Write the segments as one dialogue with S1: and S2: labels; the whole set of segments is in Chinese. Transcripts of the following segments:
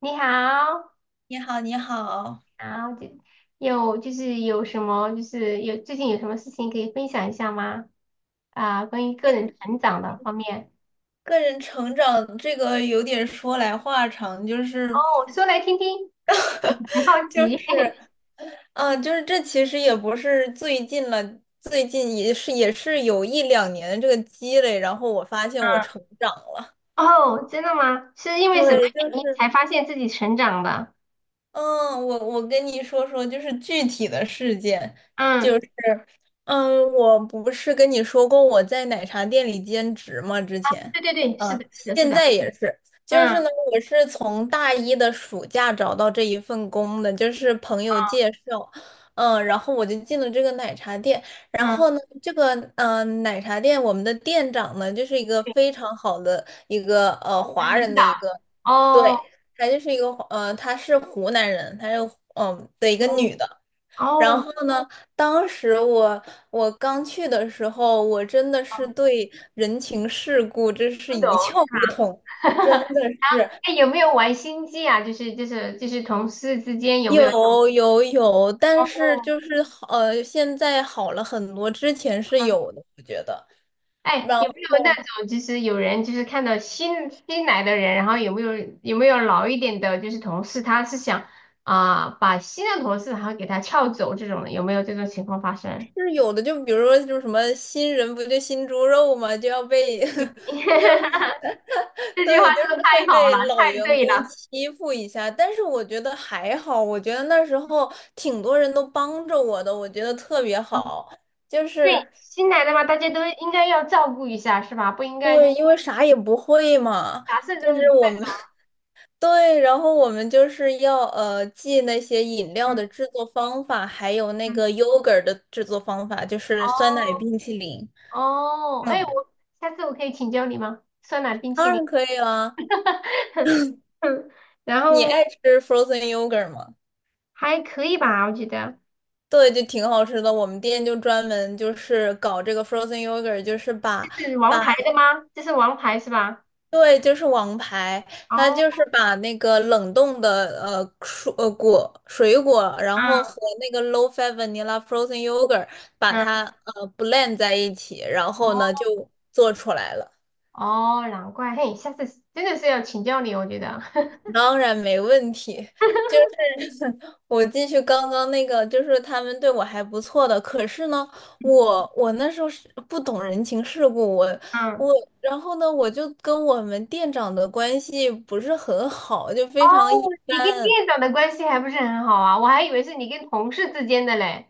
S1: 你好，
S2: 你好，你好。
S1: 好，就有就是有什么就是有最近有什么事情可以分享一下吗？啊、关于个人成长的方面。
S2: 个人成长这个有点说来话长，
S1: 哦，说来听听，很好
S2: 就
S1: 奇。
S2: 是，就是这其实也不是最近了，最近也是有一两年的这个积累，然后我发现我
S1: 嗯，
S2: 成长了。
S1: 哦，真的吗？是因为什么
S2: 对，就
S1: 原因
S2: 是。
S1: 才发现自己成长的？
S2: 嗯，我跟你说说，就是具体的事件，就
S1: 嗯，
S2: 是，我不是跟你说过我在奶茶店里兼职吗？之前，
S1: 对对对，是
S2: 啊，
S1: 的，是的，是
S2: 现
S1: 的。
S2: 在也是，就是
S1: 嗯
S2: 呢，我是从大一的暑假找到这一份工的，就是朋友介绍，然后我就进了这个奶茶店，然
S1: 嗯，
S2: 后呢，奶茶店我们的店长呢，就是一个
S1: 对，
S2: 非常好的一个华
S1: 领
S2: 人
S1: 导。
S2: 的一个。
S1: 哦
S2: 对，她就是一个她是湖南人，她是的一个
S1: 哦
S2: 女的。然
S1: 哦，
S2: 后呢，当时我刚去的时候，我真的是对人情世故真是
S1: 不懂
S2: 一窍不通，
S1: 是
S2: 真
S1: 吧？
S2: 的 是。
S1: 哎，有没有玩心机啊？就是同事之间有没有？
S2: 有有有，但是
S1: 哦
S2: 就是好，现在好了很多，之前是有的，我觉得。
S1: 哎，
S2: 然
S1: 有没有那
S2: 后
S1: 种就是有人就是看到新来的人，然后有没有有没有老一点的，就是同事，他是想啊、把新的同事然后给他撬走这种的，有没有这种情况发生？
S2: 是有的，就比如说，就是什么新人不就新猪肉嘛，就要被 就要
S1: 这句
S2: 对，
S1: 话
S2: 就是
S1: 说的太
S2: 会
S1: 好
S2: 被
S1: 了，
S2: 老
S1: 太
S2: 员
S1: 对
S2: 工
S1: 了。
S2: 欺负一下，但是我觉得还好，我觉得那时候挺多人都帮着我的，我觉得特别好，就
S1: 对，
S2: 是
S1: 新来的嘛，大家都应该要照顾一下，是吧？不应该就
S2: 对，因为啥也不会嘛，
S1: 啥事
S2: 就是
S1: 都
S2: 我们 对，然后我们就是要记那些饮料
S1: 嗯
S2: 的制作方法，还有那
S1: 嗯，
S2: 个 yogurt 的制作方法，就是酸奶冰淇淋。
S1: 哦，哎，
S2: 嗯，
S1: 我下次我可以请教你吗？酸奶冰
S2: 当
S1: 淇淋，
S2: 然可以啦，
S1: 然
S2: 你
S1: 后
S2: 爱吃 frozen yogurt 吗？
S1: 还可以吧，我觉得。
S2: 对，就挺好吃的。我们店就专门就是搞这个 frozen yogurt，就是把
S1: 是王
S2: 把
S1: 牌的吗？这是王牌是吧？
S2: 对，就是王牌，它
S1: 哦，
S2: 就是把那个冷冻的蔬果水果，然后
S1: 啊，
S2: 和那个 low fat vanilla frozen yogurt 把
S1: 嗯，
S2: 它blend 在一起，然
S1: 哦，
S2: 后呢就做出来了。
S1: 哦难怪，嘿，下次真的是要请教你，我觉得，
S2: 当然没问题，就是 我继续刚刚那个，就是他们对我还不错的，可是呢，我那时候是不懂人情世故，
S1: 嗯，
S2: 我，然后呢，我就跟我们店长的关系不是很好，就
S1: 哦，
S2: 非常一
S1: 你跟
S2: 般。
S1: 店长的关系还不是很好啊？我还以为是你跟同事之间的嘞。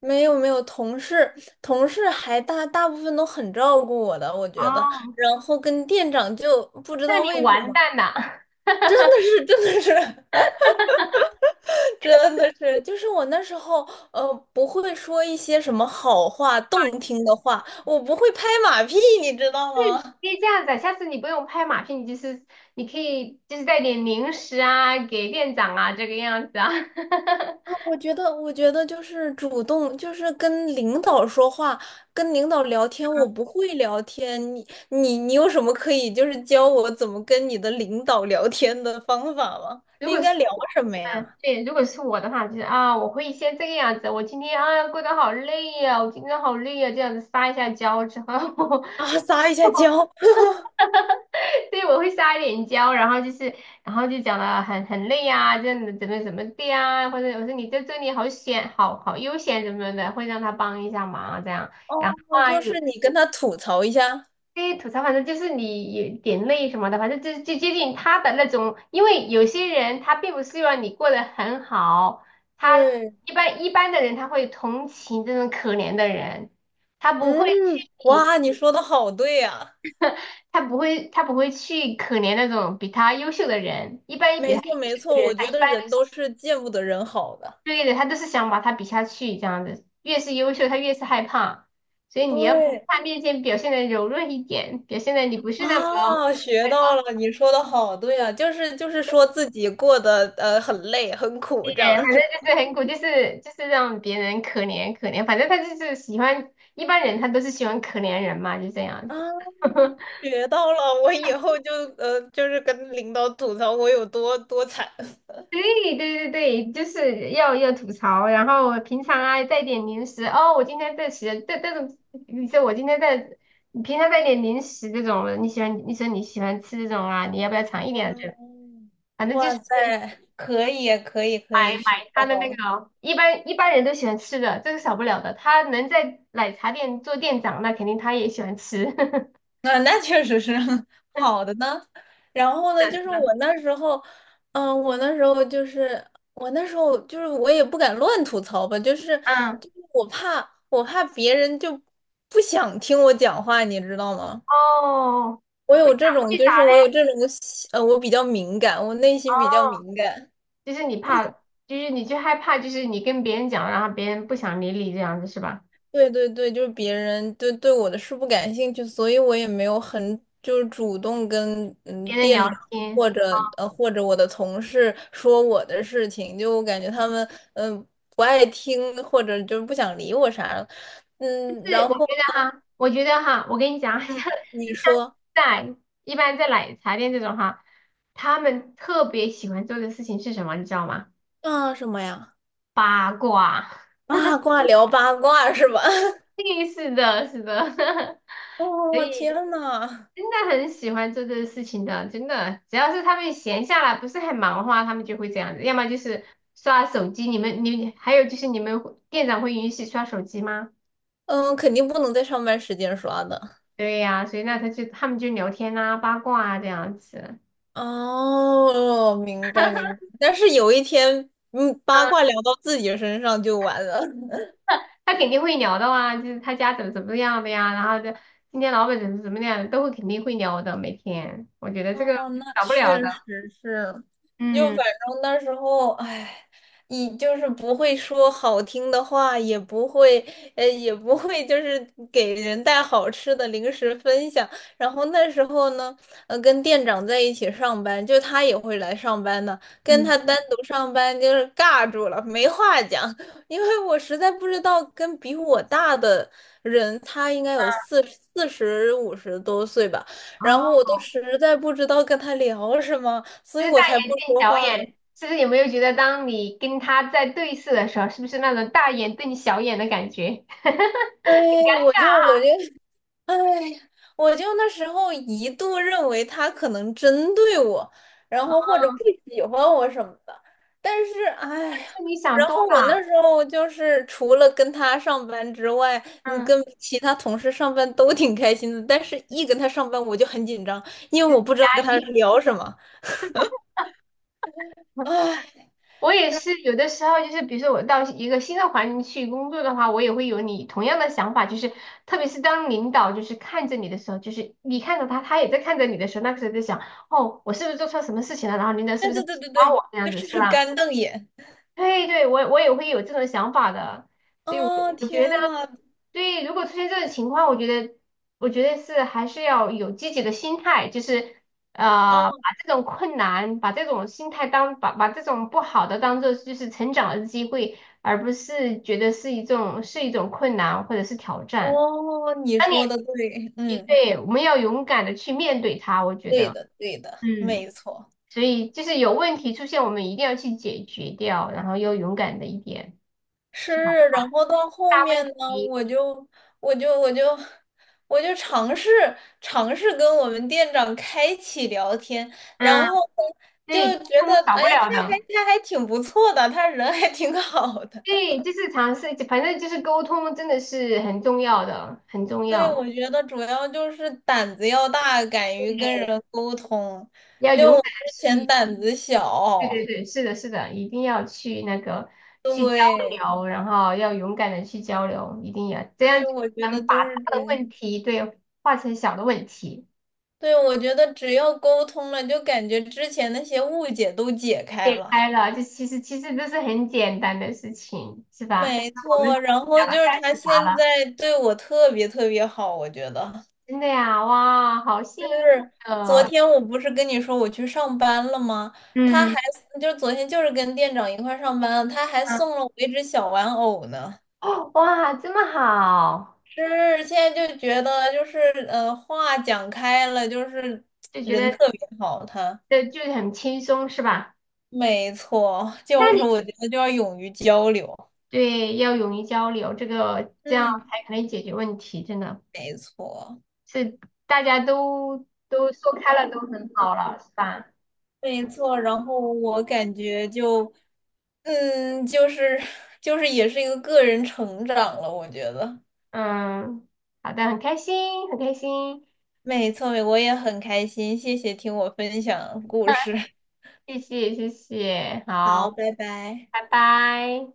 S2: 没有没有，同事还大部分都很照顾我的，我觉得，
S1: 哦，
S2: 然后跟店长就不知
S1: 那
S2: 道
S1: 你
S2: 为什
S1: 完
S2: 么，
S1: 蛋了，啊，
S2: 真的是。真的是，就是我那时候，不会说一些什么好话、动听的话，我不会拍马屁，你知道吗？
S1: 可以这样子啊，下次你不用拍马屁，你可以就是带点零食啊给店长啊这个样子啊。
S2: 啊，我觉得，我觉得就是主动，就是跟领导说话，跟领导聊天，我不会聊天。你有什么可以就是教我怎么跟你的领导聊天的方法吗？
S1: 如
S2: 就
S1: 果
S2: 应
S1: 是
S2: 该聊什么
S1: 嗯，
S2: 呀？
S1: 对，如果是我的话，就是啊，我会先这个样子，我今天啊过得好累呀、我今天好累呀、这样子撒一下娇之后，
S2: 啊，撒一下娇，
S1: 对，我会撒一点娇，然后就是，然后就讲的很累呀、这样子怎么怎么的呀、或者我说你在这里好好悠闲怎么的，会让他帮一下忙这样。
S2: 哦，
S1: 然后啊，
S2: 就
S1: 有
S2: 是你跟他吐槽一下。
S1: 非吐槽，反正就是你有点累什么的，反正就接近他的那种，因为有些人他并不希望你过得很好，他
S2: 对，
S1: 一般的人他会同情这种可怜的人，他不会
S2: 嗯，
S1: 去
S2: 哇，你说的好对呀。
S1: 他不会去可怜那种比他优秀的人，一般比
S2: 没
S1: 他优
S2: 错没
S1: 秀的
S2: 错，
S1: 人，
S2: 我
S1: 他
S2: 觉
S1: 一般
S2: 得
S1: 都
S2: 人都
S1: 是
S2: 是见不得人好的。
S1: 对的，他都是想把他比下去这样子，越是优秀他越是害怕，所以你要在
S2: 对，
S1: 他面前表现的柔弱一点，表现的你不是那么。
S2: 啊，学到了，你说的好对啊，就是说自己过得很累很苦
S1: 对，
S2: 这样
S1: 反正
S2: 子，
S1: 就是很苦，就是让别人可怜可怜，反正他就是喜欢一般人，他都是喜欢可怜人嘛，就这样子。
S2: 啊，学到了，我以后就是跟领导吐槽我有多多惨，
S1: 对对对对，就是要吐槽，然后平常啊带点零食哦，我今天在吃这种，你说我今天在，你平常带点零食这种的你说你喜欢吃这种啊，你要不要尝一点这种？
S2: 嗯
S1: 反正就
S2: 哇
S1: 是。
S2: 塞，可以可以可
S1: 买
S2: 以学
S1: 买他的
S2: 到
S1: 那
S2: 了。
S1: 个，一般人都喜欢吃的，这个少不了的。他能在奶茶店做店长，那肯定他也喜欢吃。是
S2: 那确实是 好的呢。然后
S1: 的，
S2: 呢，就
S1: 是
S2: 是
S1: 的，
S2: 我那时候，嗯、我那时候就是我也不敢乱吐槽吧，就是
S1: 嗯，
S2: 就是我怕别人就不想听我讲话，你知道吗？
S1: 哦，
S2: 我
S1: 为
S2: 有
S1: 啥
S2: 这种，
S1: 为啥嘞？
S2: 我比较敏感，我内
S1: 哦，
S2: 心比较敏感。
S1: 就是你怕，就是你就害怕，就是你跟别人讲，然后别人不想理你这样子是吧？
S2: 对对对，就是别人对我的事不感兴趣，所以我也没有很就是主动跟
S1: 别人聊
S2: 店长
S1: 天，
S2: 或者我的同事说我的事情，就我感觉他们嗯、呃不爱听或者就是不想理我啥的，
S1: 就是
S2: 然后
S1: 我觉得哈，我跟你讲，像
S2: 嗯
S1: 像
S2: 你说
S1: 在一般在奶茶店这种哈，他们特别喜欢做的事情是什么，你知道吗？
S2: 啊什么呀？
S1: 八卦。
S2: 八卦聊八卦是吧？
S1: 嘿，是的，是的，所
S2: 哦
S1: 以
S2: 天呐，
S1: 真的很喜欢做这个事情的，真的，只要是他们闲下来，不是很忙的话，他们就会这样子，要么就是刷手机。你还有就是你们会店长会允许刷手机吗？
S2: 嗯，肯定不能在上班时间刷的。
S1: 对呀、所以那他就他们就聊天啊、八卦啊这样子，
S2: 哦，明白明白。但是有一天，八卦
S1: 嗯，
S2: 聊到自己身上就完了。
S1: 他肯定会聊的啊，就是他家怎么怎么样的呀，然后就今天老板怎么怎么样的，都会肯定会聊的，每天，我觉得这
S2: 哦，
S1: 个
S2: 那
S1: 少不
S2: 确
S1: 了的，
S2: 实是，就
S1: 嗯
S2: 反正那时候，哎，你就是不会说好听的话，也不会，也不会就是给人带好吃的零食分享。然后那时候呢，跟店长在一起上班，就他也会来上班呢，跟
S1: 嗯，
S2: 他单独上班就是尬住了，没话讲，因为我实在不知道跟比我大的人，他应该有四十五十多岁吧。然后我
S1: 哦。
S2: 都实在不知道跟他聊什么，所
S1: 就
S2: 以
S1: 是
S2: 我
S1: 大
S2: 才不
S1: 眼瞪
S2: 说
S1: 小
S2: 话的。
S1: 眼，是不是有没有觉得，当你跟他在对视的时候，是不是那种大眼瞪小眼的感觉？
S2: 哎，我就我就，哎我就那时候一度认为他可能针对我，然后或者不喜欢我什么的。但是，哎呀，
S1: 是你想
S2: 然
S1: 多
S2: 后我
S1: 了。
S2: 那时候就是除了跟他上班之外，
S1: 嗯，
S2: 跟其他同事上班都挺开心的。但是，一跟他上班我就很紧张，因为我不知道跟他
S1: 你
S2: 聊什么。哎，
S1: 我也是，有的时候就是，比如说我到一个新的环境去工作的话，我也会有你同样的想法，就是特别是当领导就是看着你的时候，就是你看着他，他也在看着你的时候，那个时候在想，哦，我是不是做错什么事情了？然后领导是
S2: 对
S1: 不是
S2: 对
S1: 不
S2: 对
S1: 喜
S2: 对
S1: 欢
S2: 对，
S1: 我这样子，
S2: 就
S1: 是
S2: 是
S1: 吧？
S2: 干瞪眼。
S1: 对对，我也会有这种想法的，所以我
S2: 哦，
S1: 我觉得，
S2: 天呐，
S1: 对，如果出现这种情况，我觉得是还是要有积极的心态，就是
S2: 哦
S1: 把这种困难，把这种心态当把这种不好的当做就是成长的机会，而不是觉得是一种困难或者是挑战。
S2: 哦，你
S1: 当你
S2: 说的对，
S1: 也
S2: 嗯，
S1: 对，我们要勇敢的去面对它，我觉
S2: 对
S1: 得，
S2: 的，对的，
S1: 嗯。
S2: 没错，
S1: 所以就是有问题出现，我们一定要去解决掉，然后要勇敢的一点，
S2: 是。
S1: 去把
S2: 然后到后
S1: 大问
S2: 面呢，
S1: 题，
S2: 我就我就我就尝试尝试跟我们店长开启聊天，然
S1: 嗯，
S2: 后呢就
S1: 对，沟
S2: 觉得，
S1: 通少
S2: 哎，
S1: 不
S2: 他
S1: 了
S2: 还
S1: 的，
S2: 他还挺不错的，他人还挺好的。
S1: 对，就是尝试，反正就是沟通真的是很重要的，很重
S2: 所以
S1: 要，
S2: 我觉得主要就是胆子要大，敢于跟人沟通。
S1: 要
S2: 就
S1: 勇
S2: 我
S1: 敢
S2: 之
S1: 的
S2: 前
S1: 去，
S2: 胆子
S1: 对对
S2: 小，
S1: 对，是的，是的，一定要去那个去交
S2: 对。
S1: 流，然后要勇敢的去交流，一定要这样，
S2: 对，我觉
S1: 才
S2: 得
S1: 能把
S2: 就
S1: 大
S2: 是这
S1: 的
S2: 个。
S1: 问题对化成小的问题。
S2: 对，我觉得只要沟通了，就感觉之前那些误解都解开
S1: 解
S2: 了。
S1: 开了，就其实都是很简单的事情，是吧？但
S2: 没
S1: 是我们
S2: 错，然后
S1: 讲了
S2: 就
S1: 太
S2: 是他
S1: 复杂
S2: 现
S1: 了，
S2: 在对我特别特别好，我觉得。
S1: 真的呀，哇，好幸运
S2: 昨
S1: 呃，
S2: 天我不是跟你说我去上班了吗？他还
S1: 嗯
S2: 就是昨天就是跟店长一块儿上班，他还
S1: 嗯，
S2: 送了我一只小玩偶呢。
S1: 哦，哇，这么好，
S2: 是，现在就觉得就是，话讲开了，就是
S1: 就觉
S2: 人
S1: 得
S2: 特别好，他。
S1: 这就是很轻松，是吧？
S2: 没错，
S1: 那
S2: 就是
S1: 你
S2: 我觉得就要勇于交流。
S1: 对要勇于交流，这样
S2: 嗯，
S1: 才可能解决问题，真的
S2: 没错，
S1: 是大家都说开了，都很好了，是吧？
S2: 没错。然后我感觉就，就是 就是也是一个个人成长了，我觉得。
S1: 嗯，好的，很开心，很开心。
S2: 没错，我也很开心，谢谢听我分享故事。
S1: 谢谢谢谢，
S2: 好，
S1: 好，
S2: 拜拜。
S1: 拜拜。